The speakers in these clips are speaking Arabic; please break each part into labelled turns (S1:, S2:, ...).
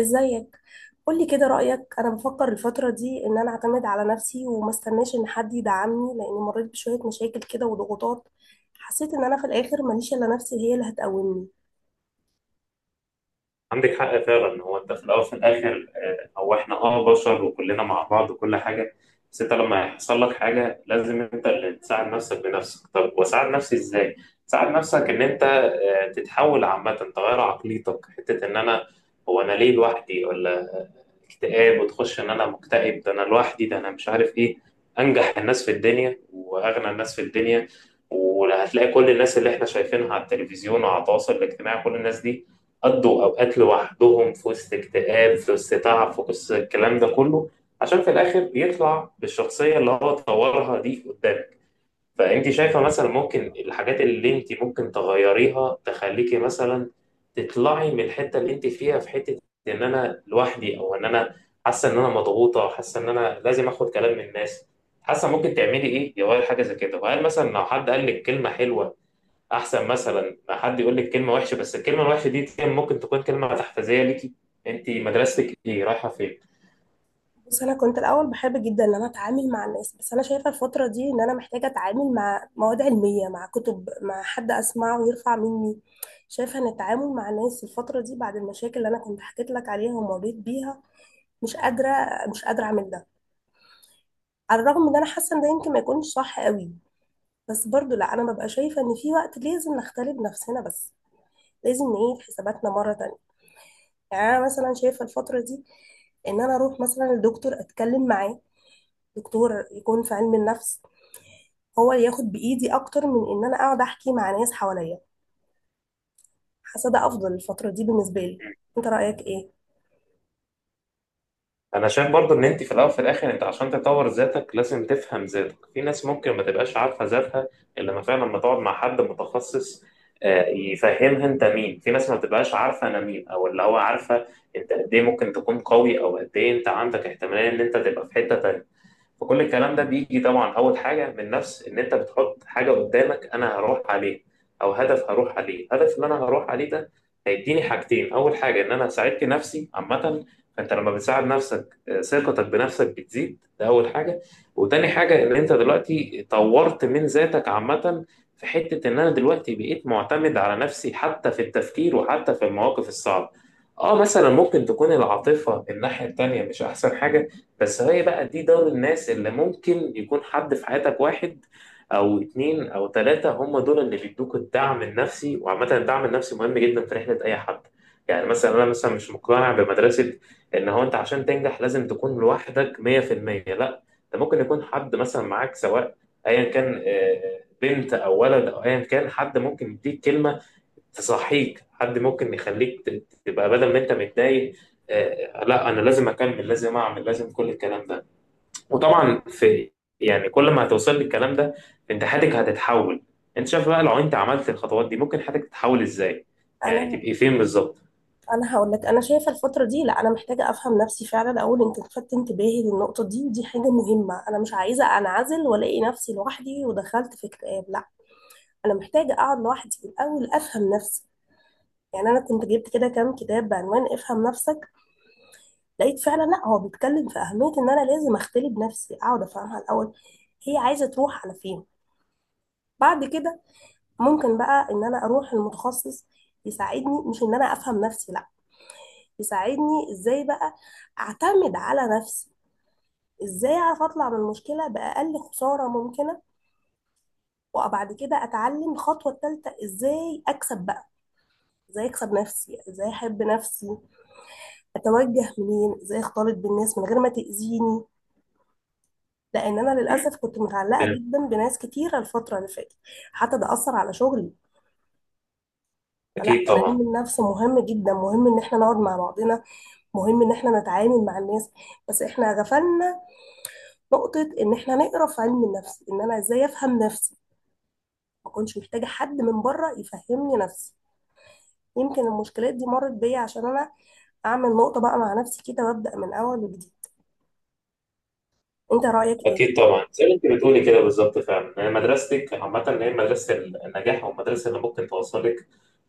S1: ازيك؟ قولي كده رأيك. انا بفكر الفترة دي ان انا اعتمد على نفسي وما استناش ان حد يدعمني، لاني مريت بشوية مشاكل كده وضغوطات. حسيت ان انا في الاخر ماليش الا نفسي هي اللي هتقومني.
S2: عندك حق فعلا. هو انت في الاول وفي الاخر، هو احنا بشر وكلنا مع بعض وكل حاجه. بس انت لما يحصل لك حاجه لازم انت اللي تساعد نفسك بنفسك. طب واساعد نفسي ازاي؟ تساعد نفسك ان انت تتحول عامه، تغير عقليتك حته ان انا. هو انا ليه لوحدي ولا اكتئاب، وتخش ان انا مكتئب، ده انا لوحدي، ده انا مش عارف ايه. انجح الناس في الدنيا واغنى الناس في الدنيا، وهتلاقي كل الناس اللي احنا شايفينها على التلفزيون وعلى التواصل الاجتماعي، كل الناس دي قضوا أوقات لوحدهم في وسط اكتئاب، في وسط تعب، في وسط الكلام ده كله، عشان في الآخر يطلع بالشخصية اللي هو طورها دي قدامك. فأنت شايفة مثلا ممكن الحاجات اللي أنت ممكن تغيريها تخليكي مثلا تطلعي من الحتة اللي أنت فيها في حتة، إن أنا لوحدي أو إن أنا حاسة إن أنا مضغوطة، حاسة إن أنا لازم آخد كلام من الناس، حاسة ممكن تعملي إيه يغير حاجة زي كده. وهل مثلا لو حد قال لك كلمة حلوة احسن مثلا ما حد يقول لك كلمه وحشه؟ بس الكلمه الوحشه دي ممكن تكون كلمه تحفيزيه ليكي. انت مدرستك ايه؟ رايحه فين؟
S1: بص، انا كنت الاول بحب جدا ان انا اتعامل مع الناس، بس انا شايفة الفترة دي ان انا محتاجة اتعامل مع مواد علمية، مع كتب، مع حد اسمعه ويرفع مني. شايفة ان التعامل مع الناس الفترة دي، بعد المشاكل اللي انا كنت حكيت لك عليها ومريت بيها، مش قادرة. مش قادرة اعمل ده. على الرغم ان انا حاسة ان ده يمكن ما يكونش صح قوي، بس برضو لا، انا ببقى شايفه ان في وقت لازم نختلي بنفسنا بس. لازم نعيد حساباتنا مره تانية. يعني انا مثلا شايفه الفتره دي ان انا اروح مثلا لدكتور اتكلم معاه، دكتور يكون في علم النفس، هو اللي ياخد بايدي، اكتر من ان انا اقعد احكي مع ناس حواليا. حاسه ده افضل الفتره دي بالنسبه لي. انت رايك ايه؟
S2: انا شايف برضو ان انت في الاول وفي الاخر انت عشان تطور ذاتك لازم تفهم ذاتك. في ناس ممكن ما تبقاش عارفه ذاتها الا لما فعلا لما تقعد مع حد متخصص يفهمها انت مين. في ناس ما بتبقاش عارفه انا مين، او اللي هو عارفه انت قد ايه، ممكن تكون قوي، او قد ايه انت عندك احتماليه ان انت تبقى في حته تانيه. فكل الكلام ده بيجي طبعا اول حاجه من نفس ان انت بتحط حاجه قدامك، انا هروح عليه، او هدف هروح عليه. الهدف اللي انا هروح عليه ده هيديني حاجتين. اول حاجه ان انا ساعدت نفسي عامه. فانت لما بتساعد نفسك ثقتك بنفسك بتزيد، ده اول حاجه. وتاني حاجه ان انت دلوقتي طورت من ذاتك عامه، في حته ان انا دلوقتي بقيت معتمد على نفسي حتى في التفكير وحتى في المواقف الصعبه. اه مثلا ممكن تكون العاطفه الناحيه التانيه مش احسن حاجه. بس هي بقى دي دار الناس اللي ممكن يكون حد في حياتك، واحد او اتنين او تلاتة هم دول اللي بيدوك الدعم النفسي، وعامة الدعم النفسي مهم جدا في رحلة اي حد. يعني مثلا انا مثلا مش مقتنع بمدرسة ان هو انت عشان تنجح لازم تكون لوحدك 100%. لا، ده ممكن يكون حد مثلا معاك، سواء ايا كان بنت او ولد، او ايا كان حد ممكن يديك كلمة تصحيك. حد ممكن يخليك تبقى بدل ما انت متضايق لا انا لازم اكمل، لازم اعمل، لازم كل الكلام ده. وطبعا في، يعني كل ما هتوصل للكلام ده انت حياتك هتتحول. انت شايف بقى لو انت عملت الخطوات دي ممكن حياتك تتحول ازاي؟ يعني
S1: انا
S2: تبقي فين بالظبط؟
S1: انا هقول لك، انا شايفه الفتره دي لا، انا محتاجه افهم نفسي فعلا. اقول انت لفتت انتباهي للنقطه دي، ودي حاجه مهمه. انا مش عايزه انعزل والاقي نفسي لوحدي ودخلت في اكتئاب، لا. انا محتاجه اقعد لوحدي في الاول، افهم نفسي. يعني انا كنت جبت كده كام كتاب بعنوان افهم نفسك، لقيت فعلا لا، هو بيتكلم في اهميه ان انا لازم اختلي بنفسي، اقعد افهمها الاول، هي عايزه تروح على فين. بعد كده ممكن بقى ان انا اروح المتخصص يساعدني، مش ان انا افهم نفسي، لا. يساعدني ازاي بقى اعتمد على نفسي. ازاي اعرف اطلع من المشكله باقل خساره ممكنه. وبعد كده اتعلم الخطوه الثالثه، ازاي اكسب بقى، ازاي اكسب نفسي، ازاي احب نفسي، اتوجه منين، ازاي اختلط بالناس من غير ما تأذيني. لان انا
S2: مم.
S1: للاسف كنت متعلقه
S2: فاهم.
S1: جدا بناس كتيره الفتره اللي فاتت. حتى ده اثر على شغلي. فلا،
S2: اكيد
S1: انا علم
S2: طبعا.
S1: النفس مهم جدا. مهم ان احنا نقعد مع بعضنا، مهم ان احنا نتعامل مع الناس، بس احنا غفلنا نقطه ان احنا نقرا في علم النفس ان انا ازاي افهم نفسي. ما كنتش محتاجه حد من بره يفهمني نفسي. يمكن المشكلات دي مرت بيا عشان انا اعمل نقطه بقى مع نفسي كده وابدا من اول وجديد. انت رايك ايه؟
S2: اكيد طبعا، زي ما انت بتقولي كده بالظبط فعلا. يعني مدرستك عامه هي مدرسه النجاح، او المدرسه اللي ممكن توصلك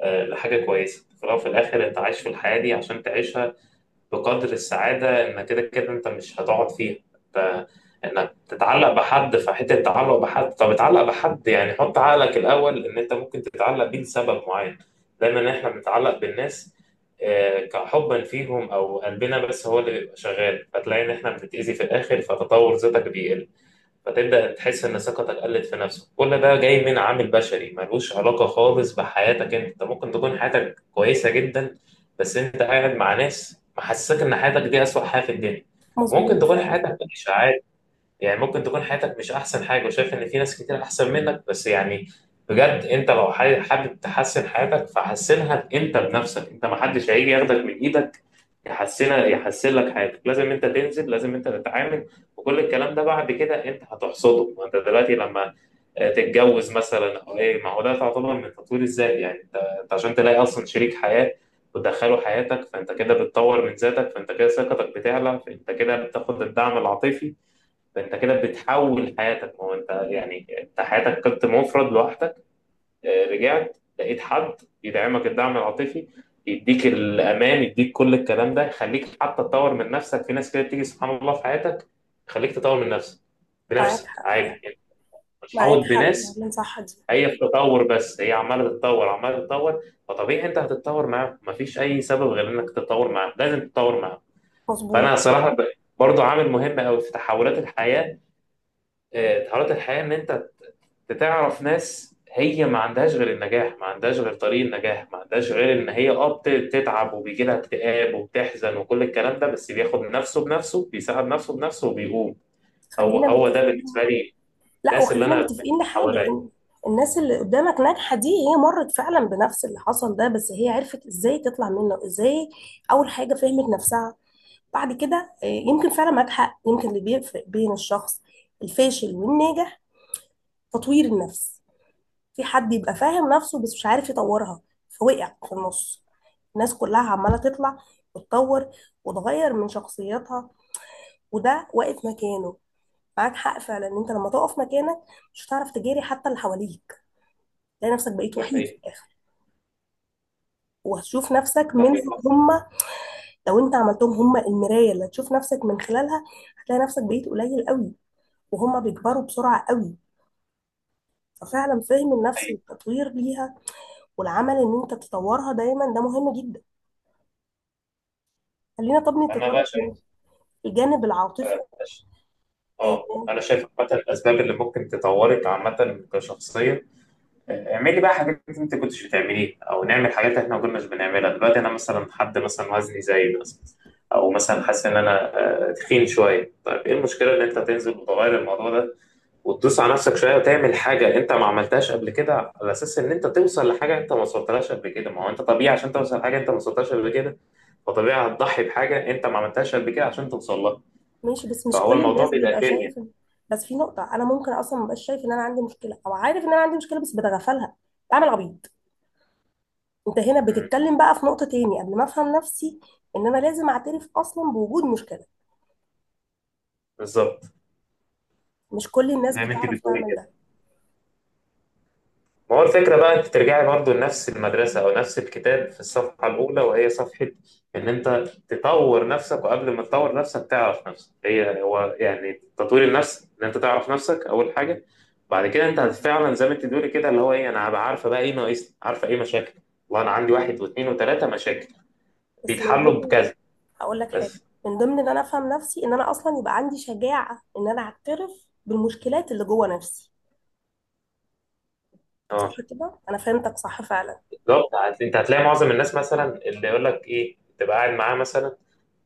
S2: لحاجه كويسه. في الاول وفي الاخر انت عايش في الحياه دي عشان تعيشها بقدر السعادة، إن كده كده أنت مش هتقعد فيها. أنت إنك تتعلق بحد، فحتة التعلق بحد، طب اتعلق بحد. يعني حط عقلك الأول إن أنت ممكن تتعلق بيه لسبب معين. دايما إحنا بنتعلق بالناس كحبا فيهم أو قلبنا بس هو اللي بيبقى شغال، فتلاقي إن إحنا بنتأذي في الآخر، فتطور ذاتك بيقل. فتبدأ تحس إن ثقتك قلت في نفسك. كل ده جاي من عامل بشري ملوش علاقة خالص بحياتك. أنت ممكن تكون حياتك كويسة جدا، بس أنت قاعد مع ناس محسسك إن حياتك دي أسوأ حياة في الدنيا. ممكن
S1: مظبوط
S2: تكون
S1: فعلا.
S2: حياتك وحشة، يعني ممكن تكون حياتك مش احسن حاجه وشايف ان في ناس كتير احسن منك، بس يعني بجد انت لو حابب تحسن حياتك فحسنها انت بنفسك. انت ما حدش هيجي ياخدك من ايدك يحسنها، يحسن لك حياتك. لازم انت تنزل، لازم انت تتعامل، وكل الكلام ده بعد كده انت هتحصده. ما انت دلوقتي لما تتجوز مثلا او ايه، ما هو ده تعتبر من تطوير الذات يعني انت. انت عشان تلاقي اصلا شريك حياه وتدخله حياتك، فانت كده بتطور من ذاتك، فانت كده ثقتك بتعلى، فانت كده بتاخد الدعم العاطفي. ده انت كده بتحول حياتك. هو انت يعني انت حياتك كنت مفرد لوحدك، رجعت لقيت حد يدعمك، الدعم العاطفي يديك الامان، يديك كل الكلام ده، يخليك حتى تطور من نفسك. في ناس كده بتيجي سبحان الله في حياتك يخليك تطور من نفسك
S1: معاك
S2: بنفسك
S1: حق.
S2: عادي يعني،
S1: معاك
S2: بتحاوط
S1: حق
S2: بناس.
S1: فعلا، صح دي.
S2: هي في تطور، بس هي عماله تتطور، عماله تتطور. فطبيعي انت هتتطور معاهم، مفيش اي سبب غير انك تتطور معاهم، لازم تتطور معاهم.
S1: مظبوط.
S2: فانا صراحه برضو عامل مهم قوي في تحولات الحياه. تحولات الحياه ان انت تعرف ناس هي ما عندهاش غير النجاح، ما عندهاش غير طريق النجاح، ما عندهاش غير ان هي بتتعب وبيجي لها اكتئاب وبتحزن وكل الكلام ده، بس بياخد نفسه بنفسه، بيساعد نفسه بنفسه، وبيقوم. هو
S1: خلينا
S2: هو ده بالنسبه
S1: متفقين.
S2: لي،
S1: لا،
S2: الناس اللي
S1: وخلينا
S2: انا
S1: متفقين
S2: يعني
S1: لحاجة،
S2: حواليا.
S1: ان الناس اللي قدامك ناجحة دي، هي مرت فعلا بنفس اللي حصل ده، بس هي عرفت ازاي تطلع منه. ازاي؟ اول حاجة فهمت نفسها. بعد كده آه، يمكن فعلا معاك حق. يمكن اللي بيفرق بين الشخص الفاشل والناجح تطوير النفس. في حد يبقى فاهم نفسه بس مش عارف يطورها، فوقع في النص. الناس كلها عمالة تطلع وتطور وتغير من شخصيتها، وده واقف مكانه. معاك حق فعلا ان انت لما تقف مكانك مش هتعرف تجاري حتى اللي حواليك. تلاقي نفسك بقيت
S2: ده
S1: وحيد في
S2: حقيقي.
S1: الاخر. وهتشوف نفسك
S2: ده
S1: منهم
S2: حقيقي. ده
S1: هم. لو انت عملتهم هم المرايه اللي هتشوف نفسك من خلالها، هتلاقي نفسك بقيت قليل قوي، وهم بيكبروا بسرعه قوي. ففعلا فهم النفس
S2: حقيقي.
S1: والتطوير ليها والعمل ان انت تطورها دايما ده مهم جدا. خلينا طب
S2: انا بقى
S1: نتطرق
S2: شايف،
S1: للجانب العاطفي.
S2: اه
S1: آه،
S2: انا شايف عامه الاسباب اللي ممكن تطورك عامه كشخصيه. اعملي بقى حاجات انت كنتش بتعمليها، او نعمل حاجات احنا ما كناش بنعملها دلوقتي. انا مثلا حد مثلا وزني زايد مثلا، او مثلا حاسس ان انا تخين شويه. طيب ايه المشكله ان انت تنزل وتغير الموضوع ده، وتدوس على نفسك شويه، وتعمل حاجه انت ما عملتهاش قبل كده، على اساس ان انت توصل لحاجه انت ما وصلتلهاش قبل كده. ما هو انت طبيعي عشان توصل لحاجه انت ما وصلتهاش قبل كده، فطبيعي هتضحي بحاجه انت ما عملتهاش قبل كده عشان توصل لها.
S1: ماشي. بس مش
S2: فهو
S1: كل
S2: الموضوع
S1: الناس
S2: بيبقى
S1: بيبقى
S2: كيمياء.
S1: شايف. بس في نقطه، انا ممكن اصلا مبقاش شايف ان انا عندي مشكله، او عارف ان انا عندي مشكله بس بتغفلها، بعمل عبيط. انت هنا
S2: مم.
S1: بتتكلم بقى في نقطة تاني قبل ما افهم نفسي، ان انا لازم اعترف اصلا بوجود مشكلة.
S2: بالظبط.
S1: مش كل الناس
S2: زي ما انت
S1: بتعرف
S2: بتقولي
S1: تعمل
S2: كده.
S1: ده.
S2: ما هو الفكرة بقى انت ترجعي برضو لنفس المدرسة او نفس الكتاب في الصفحة الاولى، وهي صفحة ان انت تطور نفسك. وقبل ما تطور نفسك تعرف نفسك. هي هو يعني تطوير النفس ان انت تعرف نفسك اول حاجة. بعد كده انت فعلا زي ما انت بتقولي كده اللي هو ايه. انا هبقى عارفة بقى ايه ناقصني، عارفة ايه مشاكل. والله انا عندي واحد واثنين وثلاثة مشاكل
S1: بس من
S2: بيتحلوا
S1: ضمن
S2: بكذا.
S1: هقول لك حاجة،
S2: بس
S1: من ضمن ان انا افهم نفسي ان انا اصلا يبقى عندي شجاعة ان انا اعترف بالمشكلات اللي جوه نفسي. صح
S2: اه
S1: كده؟ انا فهمتك صح فعلا.
S2: بالظبط. انت هتلاقي معظم الناس مثلا اللي يقول لك ايه تبقى قاعد معاه مثلا،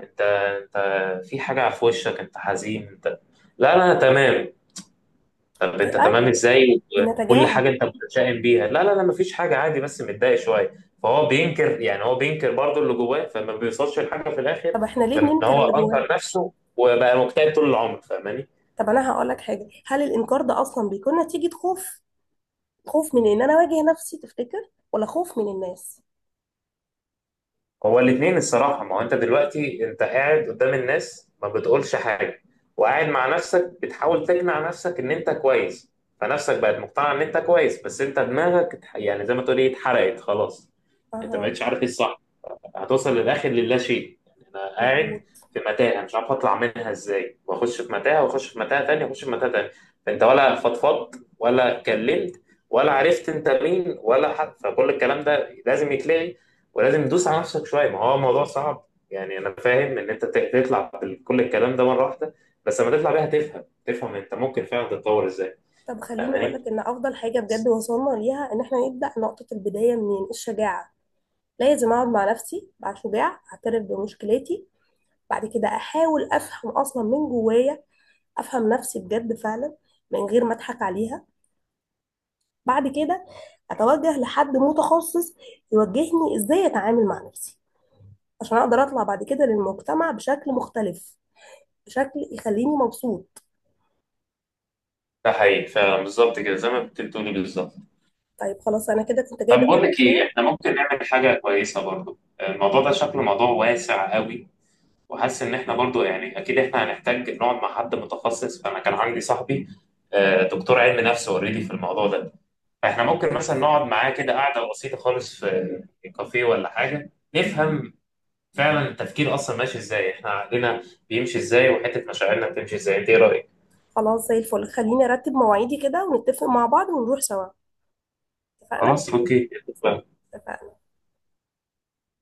S2: انت في حاجة في وشك، انت حزين انت. لا، لا، انا تمام. طب انت
S1: آه،
S2: تمام ازاي؟ وكل حاجة
S1: بنتجاهل.
S2: انت متشائم بيها. لا، لا، لا، مفيش حاجة عادي، بس متضايق شوية. فهو بينكر، يعني هو بينكر برضه اللي جواه، فما بيوصلش لحاجة في الاخر
S1: طب احنا ليه
S2: غير ان
S1: بننكر
S2: هو
S1: اللي
S2: انكر
S1: جوانا؟
S2: نفسه وبقى مكتئب طول العمر. فاهماني؟
S1: طب انا هقول لك حاجة، هل الانكار ده اصلا بيكون نتيجة خوف؟ خوف من ان انا اواجه نفسي تفتكر، ولا خوف من الناس؟
S2: هو الاثنين الصراحة. ما هو انت دلوقتي انت قاعد قدام الناس ما بتقولش حاجة، وقاعد مع نفسك بتحاول تقنع نفسك ان انت كويس. فنفسك بقت مقتنعة ان انت كويس. بس انت دماغك يعني زي ما تقول ايه، اتحرقت خلاص. انت ما
S1: اها.
S2: بقتش عارف ايه الصح. هتوصل للاخر، للا شيء. يعني انا قاعد
S1: مظبوط.
S2: في متاهه مش عارف اطلع منها ازاي، واخش في متاهه، واخش في متاهه تانية، واخش في متاهه تانية. فانت ولا فضفضت، ولا اتكلمت، ولا عرفت انت مين ولا حد. فكل الكلام ده لازم يتلغي، ولازم تدوس على نفسك شويه. ما هو الموضوع صعب، يعني انا فاهم ان انت تطلع بكل الكلام ده مره واحده. بس لما تطلع بيها تفهم انت ممكن فعلا تتطور ازاي.
S1: طب خليني
S2: فاهماني؟
S1: أقولك، إن أفضل حاجة بجد وصلنا ليها، إن إحنا نبدأ نقطة البداية منين، الشجاعة. لازم أقعد مع نفسي، أبقى شجاع، أعترف بمشكلتي. بعد كده أحاول أفهم أصلا من جوايا، أفهم نفسي بجد فعلا، من غير ما أضحك عليها. بعد كده أتوجه لحد متخصص يوجهني إزاي أتعامل مع نفسي، عشان أقدر أطلع بعد كده للمجتمع بشكل مختلف، بشكل يخليني مبسوط.
S2: ده حقيقي فعلا بالظبط كده، زي ما كنت بتقولي بالظبط.
S1: طيب خلاص، أنا كده كنت
S2: طب
S1: جايبة
S2: بقول لك ايه،
S1: كده.
S2: احنا ممكن نعمل حاجه كويسه برضو. الموضوع ده شكله موضوع واسع قوي، وحاسس ان احنا برضو يعني اكيد احنا هنحتاج نقعد مع حد متخصص. فانا كان عندي صاحبي دكتور علم نفس اوريدي في الموضوع ده. فاحنا ممكن مثلا
S1: كويس.
S2: نقعد معاه كده قعده بسيطه خالص في كافيه ولا حاجه، نفهم فعلا التفكير اصلا ماشي ازاي، احنا عقلنا بيمشي ازاي، وحته مشاعرنا بتمشي ازاي. انت ايه رايك؟
S1: خلاص، زي الفل. خليني ارتب مواعيدي كده ونتفق مع بعض ونروح سوا. اتفقنا.
S2: خلاص اوكي.
S1: اتفقنا.